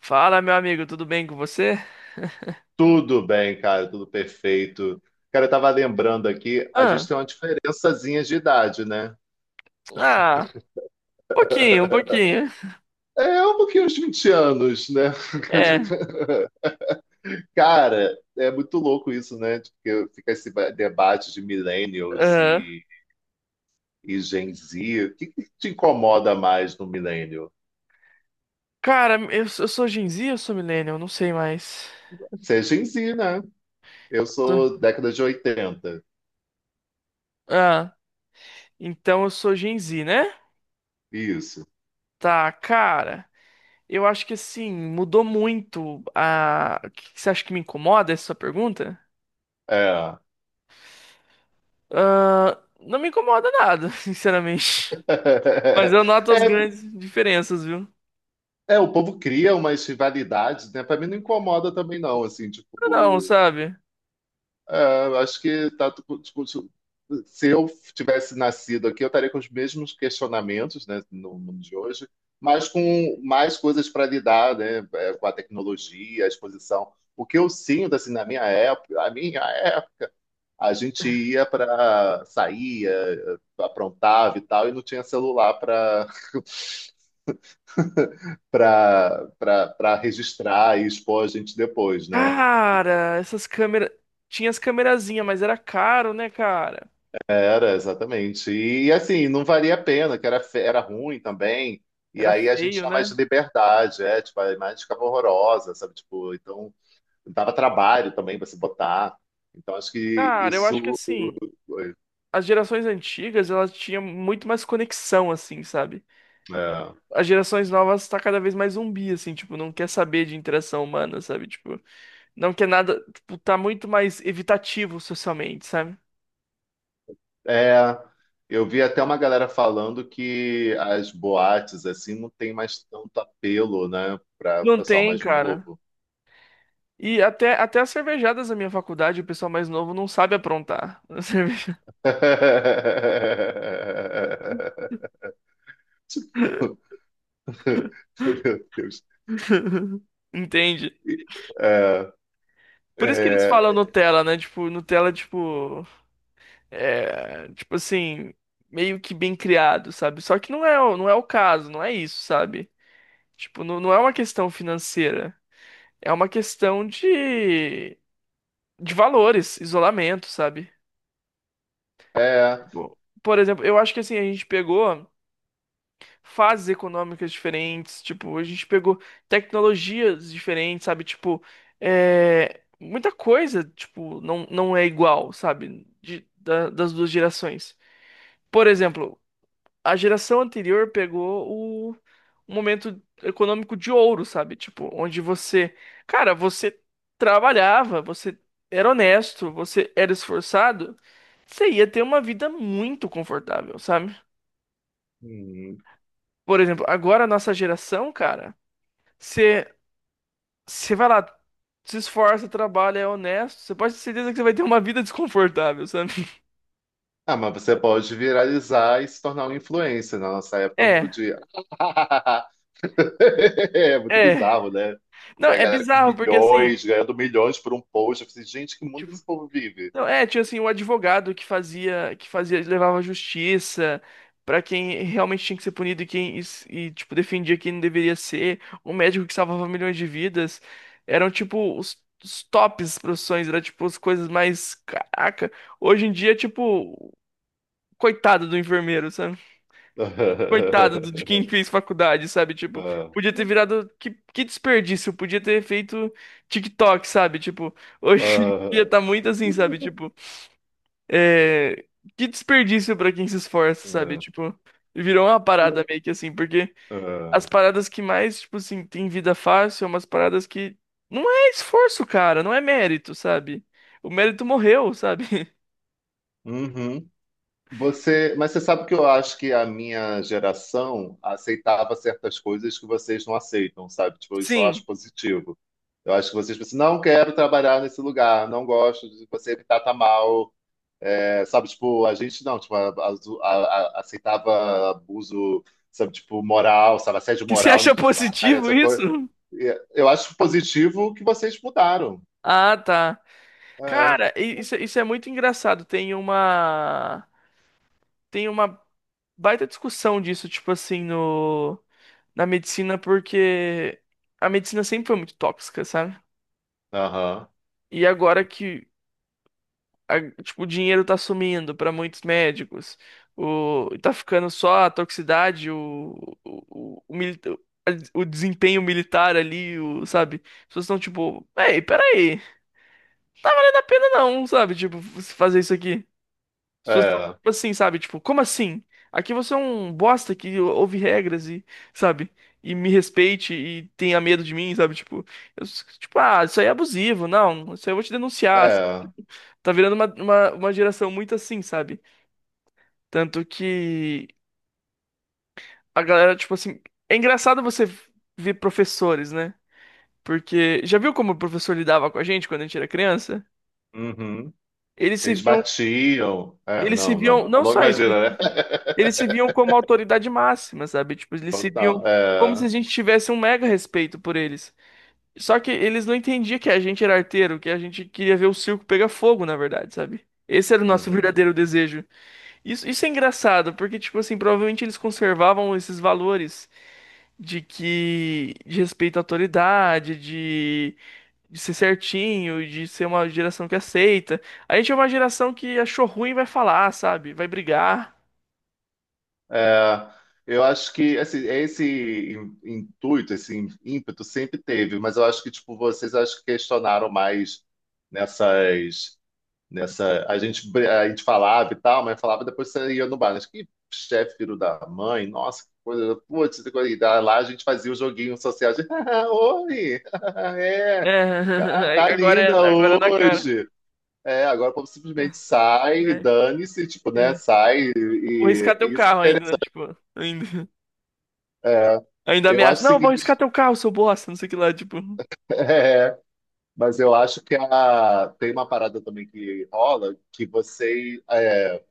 Fala, meu amigo, tudo bem com você? Tudo bem, cara, tudo perfeito. Cara, eu tava lembrando aqui, a gente Ah, tem uma diferençazinha de idade, né? ah, pouquinho, um pouquinho. É um pouquinho uns 20 anos, né? É, Cara, é muito louco isso, né? Porque fica esse debate de millennials aham. e Gen Z. O que que te incomoda mais no millennial? Cara, eu sou Gen Z, eu sou Millennial, não sei mais. Você é Gen Z, né? Eu Sou- sou década de oitenta. Ah, então eu sou Gen Z, né? Isso. Tá, cara, eu acho que assim, mudou muito a... O que que você acha que me incomoda essa sua pergunta? É. Ah, não me incomoda nada, sinceramente. Mas eu noto as É. grandes diferenças, viu? É, o povo cria umas rivalidades, né? Pra mim não incomoda também, não, assim, Não, tipo. sabe? É, eu acho que tá. Tipo, se eu tivesse nascido aqui, eu estaria com os mesmos questionamentos, né, no mundo de hoje, mas com mais coisas para lidar, né, é, com a tecnologia, a exposição. O que eu sinto, assim, na minha época, a gente ia para saía, aprontava e tal, e não tinha celular para registrar e expor a gente depois, né? Cara, essas câmeras. Tinha as câmerazinhas, mas era caro, né, cara? Era, exatamente. E assim, não valia a pena, que era, era ruim também. E Era aí a gente feio, tinha mais né? liberdade, é, tipo, a imagem ficava horrorosa, sabe? Tipo, então dava trabalho também para se botar. Então acho que Cara, eu acho que isso assim, foi. as gerações antigas, elas tinham muito mais conexão, assim, sabe? É. As gerações novas tá cada vez mais zumbi, assim, tipo, não quer saber de interação humana, sabe? Tipo, não quer nada, tipo, tá muito mais evitativo socialmente, sabe? É, eu vi até uma galera falando que as boates assim não tem mais tanto apelo, né, para o Não pessoal tem, mais cara. novo. E até as cervejadas da minha faculdade, o pessoal mais novo não sabe aprontar. A cerveja. Meu Deus. Entende? É, Por isso que eles falam é, Nutella, né? Tipo, Nutella, tipo, é, tipo assim, meio que bem criado, sabe? Só que não é, não é o caso, não é isso, sabe? Tipo, não é uma questão financeira, é uma questão de valores, isolamento, sabe? é, Bom, por exemplo, eu acho que assim, a gente pegou. Fases econômicas diferentes, tipo, a gente pegou tecnologias diferentes, sabe? Tipo, é, muita coisa, tipo, não é igual, sabe? Das duas gerações. Por exemplo, a geração anterior pegou o, o momento econômico de ouro, sabe? Tipo, onde você, cara, você trabalhava, você era honesto, você era esforçado, você ia ter uma vida muito confortável, sabe? hum. Por exemplo, agora a nossa geração, cara. Você, você vai lá, se esforça, trabalha, é honesto. Você pode ter certeza que você vai ter uma vida desconfortável, sabe? Ah, mas você pode viralizar e se tornar um influencer. Na nossa época eu não É, podia. É muito é. bizarro, né? Não, Ver a é galera com bizarro, porque assim, milhões, ganhando milhões por um post. Eu falei, gente, que mundo tipo, esse povo vive? não, é, tinha assim, o advogado que fazia, levava justiça pra quem realmente tinha que ser punido e quem, e, tipo, defendia quem não deveria ser. O médico que salvava milhões de vidas. Eram, tipo, os tops profissões, era, tipo, as coisas mais, caraca. Hoje em dia, tipo, coitado do enfermeiro, sabe? Coitado de quem fez faculdade, sabe? Tipo, Ah, podia ter virado. Que desperdício, podia ter feito TikTok, sabe? Tipo, hoje em dia ah, tá muito assim, sabe? Tipo, é, que desperdício pra quem se esforça, sabe? ah, Tipo, virou uma parada meio que assim, porque as ah. paradas que mais, tipo assim, tem vida fácil são umas paradas que não é esforço, cara, não é mérito, sabe? O mérito morreu, sabe? Uhum. Mas você sabe que eu acho que a minha geração aceitava certas coisas que vocês não aceitam, sabe? Tipo, isso eu acho Sim. positivo. Eu acho que vocês pensam, assim, não quero trabalhar nesse lugar, não gosto de você me trata mal. É, sabe? Tipo, a gente não, tipo, aceitava abuso, sabe? Tipo, moral, sabe? Assédio E você moral no acha trabalho, positivo essa coisa. isso? E eu acho positivo que vocês mudaram. Ah, tá. É, Cara, isso é muito engraçado. Tem uma baita discussão disso, tipo assim, no na medicina, porque a medicina sempre foi muito tóxica, sabe? aham, E agora que tipo, o dinheiro tá sumindo pra muitos médicos, o tá ficando só a toxicidade, o, o, o mili- o desempenho militar ali, o, sabe? As pessoas estão tipo, ei, peraí, não é pena não, sabe? Tipo, você fazer isso aqui. As pessoas tão, é, tipo assim, sabe? Tipo, como assim? Aqui você é um bosta que ouve regras e, sabe? E me respeite e tenha medo de mim, sabe? Tipo, tipo, ah, isso aí é abusivo. Não, isso aí eu vou te denunciar. é, Tá virando uma geração muito assim, sabe? Tanto que a galera, tipo assim. É engraçado você ver professores, né? Porque já viu como o professor lidava com a gente quando a gente era criança? uhum. Eles se Eles viam. batiam. É, Eles se não, viam. não. A Não longa só isso. imagina, né? Eles se viam como autoridade máxima, sabe? Tipo, eles se viam Total. como se É, a gente tivesse um mega respeito por eles. Só que eles não entendiam que a gente era arteiro, que a gente queria ver o circo pegar fogo, na verdade, sabe? Esse era o nosso uhum. verdadeiro desejo. Isso é engraçado, porque, tipo assim, provavelmente eles conservavam esses valores de respeito à autoridade, de ser certinho, de ser uma geração que aceita. A gente é uma geração que achou ruim e vai falar, sabe? Vai brigar. É, eu acho que assim, esse intuito, esse ímpeto sempre teve, mas eu acho que tipo, vocês acho que questionaram mais nessas, nessa, a gente, a gente falava e tal, mas falava e depois você ia no bar, mas que chefe filho da mãe, nossa, que coisa, putz, que coisa. E lá a gente fazia o joguinho social de, oi, É, é, ah, tá agora é, linda agora é na cara. hoje. É, agora o povo simplesmente sai, É, dane-se, tipo, né? é. Sai Vou riscar teu e isso. carro ainda, né? Tipo, ainda, É, ainda eu ameaça. acho o Não, vou seguinte, riscar teu carro, seu bosta, não sei o que lá, tipo. é, mas eu acho que a, tem uma parada também que rola que você é,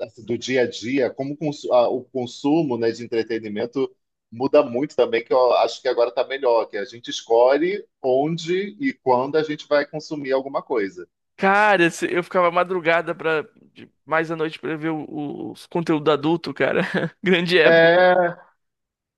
assim, do dia a dia, como o o consumo, né, de entretenimento muda muito também, que eu acho que agora tá melhor, que a gente escolhe onde e quando a gente vai consumir alguma coisa. Cara, eu ficava madrugada pra, mais à noite pra ver os conteúdo adulto, cara. Grande época. É,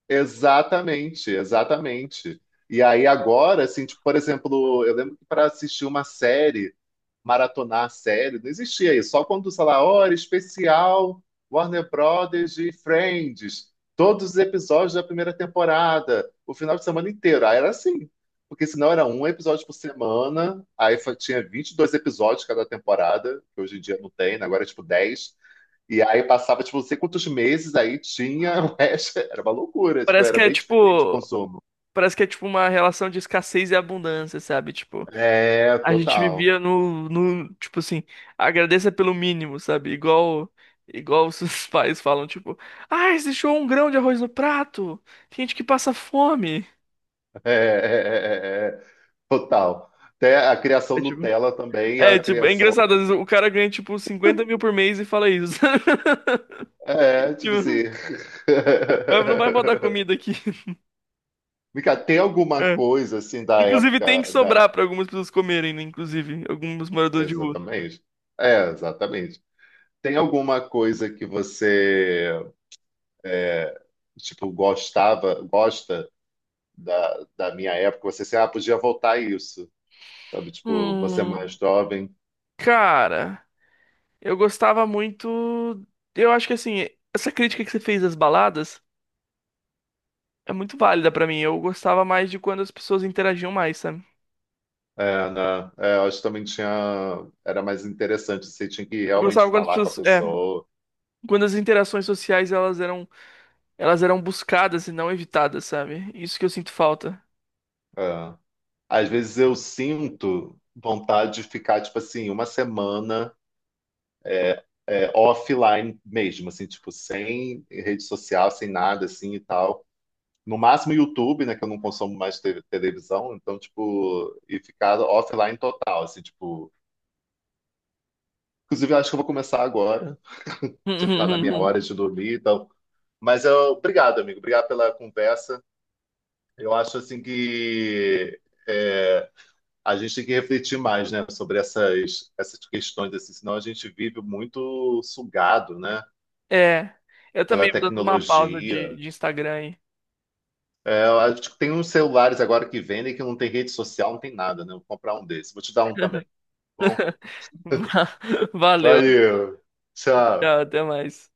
exatamente, exatamente. E aí agora, assim, tipo, por exemplo, eu lembro que para assistir uma série, maratonar a série, não existia isso. Só quando, sei lá, hora especial, Warner Brothers e Friends, todos os episódios da primeira temporada, o final de semana inteiro. Aí era assim, porque senão era um episódio por semana, aí tinha 22 episódios cada temporada, que hoje em dia não tem, né? Agora é tipo 10. E aí passava, tipo, não sei quantos meses, aí tinha o resto. Era uma loucura, tipo, Parece que era é bem diferente o tipo, consumo. parece que é tipo uma relação de escassez e abundância, sabe? Tipo, É, a gente total. vivia no, no, tipo assim, agradeça pelo mínimo, sabe? Igual os seus pais falam, tipo, ah, deixou um grão de arroz no prato, tem gente que passa fome. É, é, é, é, é, é, total. Até a criação É tipo, Nutella também, a é tipo, é criação. engraçado, às vezes o cara ganha tipo 50 mil por mês e fala isso. É, tipo assim. Tipo, "Mas não vai faltar comida aqui. Mica, tem alguma É. coisa, assim, da Inclusive tem que época da. sobrar pra algumas pessoas comerem, né? Inclusive, alguns moradores de rua. Exatamente. É, exatamente. Tem alguma coisa que você, é, tipo, gostava, gosta da, da minha época? Você, assim, ah, podia voltar a isso. Sabe? Tipo, você é Hum, mais jovem. cara, eu gostava muito. Eu acho que assim, essa crítica que você fez das baladas. É muito válida pra mim. Eu gostava mais de quando as pessoas interagiam mais, sabe? É, né? É, eu acho que também tinha. Era mais interessante, você tinha que Eu gostava realmente quando as falar com a pessoas, é, pessoa. quando as interações sociais elas eram buscadas e não evitadas, sabe? Isso que eu sinto falta. É. Às vezes eu sinto vontade de ficar, tipo assim, uma semana é, offline mesmo, assim, tipo, sem rede social, sem nada, assim e tal. No máximo YouTube, né, que eu não consumo mais televisão, então, tipo, e ficar offline total, assim, tipo. Inclusive, eu acho que eu vou começar agora, já tá na minha hora de dormir, então mas eu, obrigado, amigo. Obrigado pela conversa. Eu acho assim que é, a gente tem que refletir mais, né, sobre essas, essas questões, assim, senão a gente vive muito sugado, né, É, eu pela também vou dando uma pausa tecnologia. de Instagram aí. É, eu acho que tem uns celulares agora que vendem que não tem rede social, não tem nada, né? Vou comprar um desses. Vou te dar um também. Tá bom, Va- Valeu, valeu. tchau, Tchau. até mais.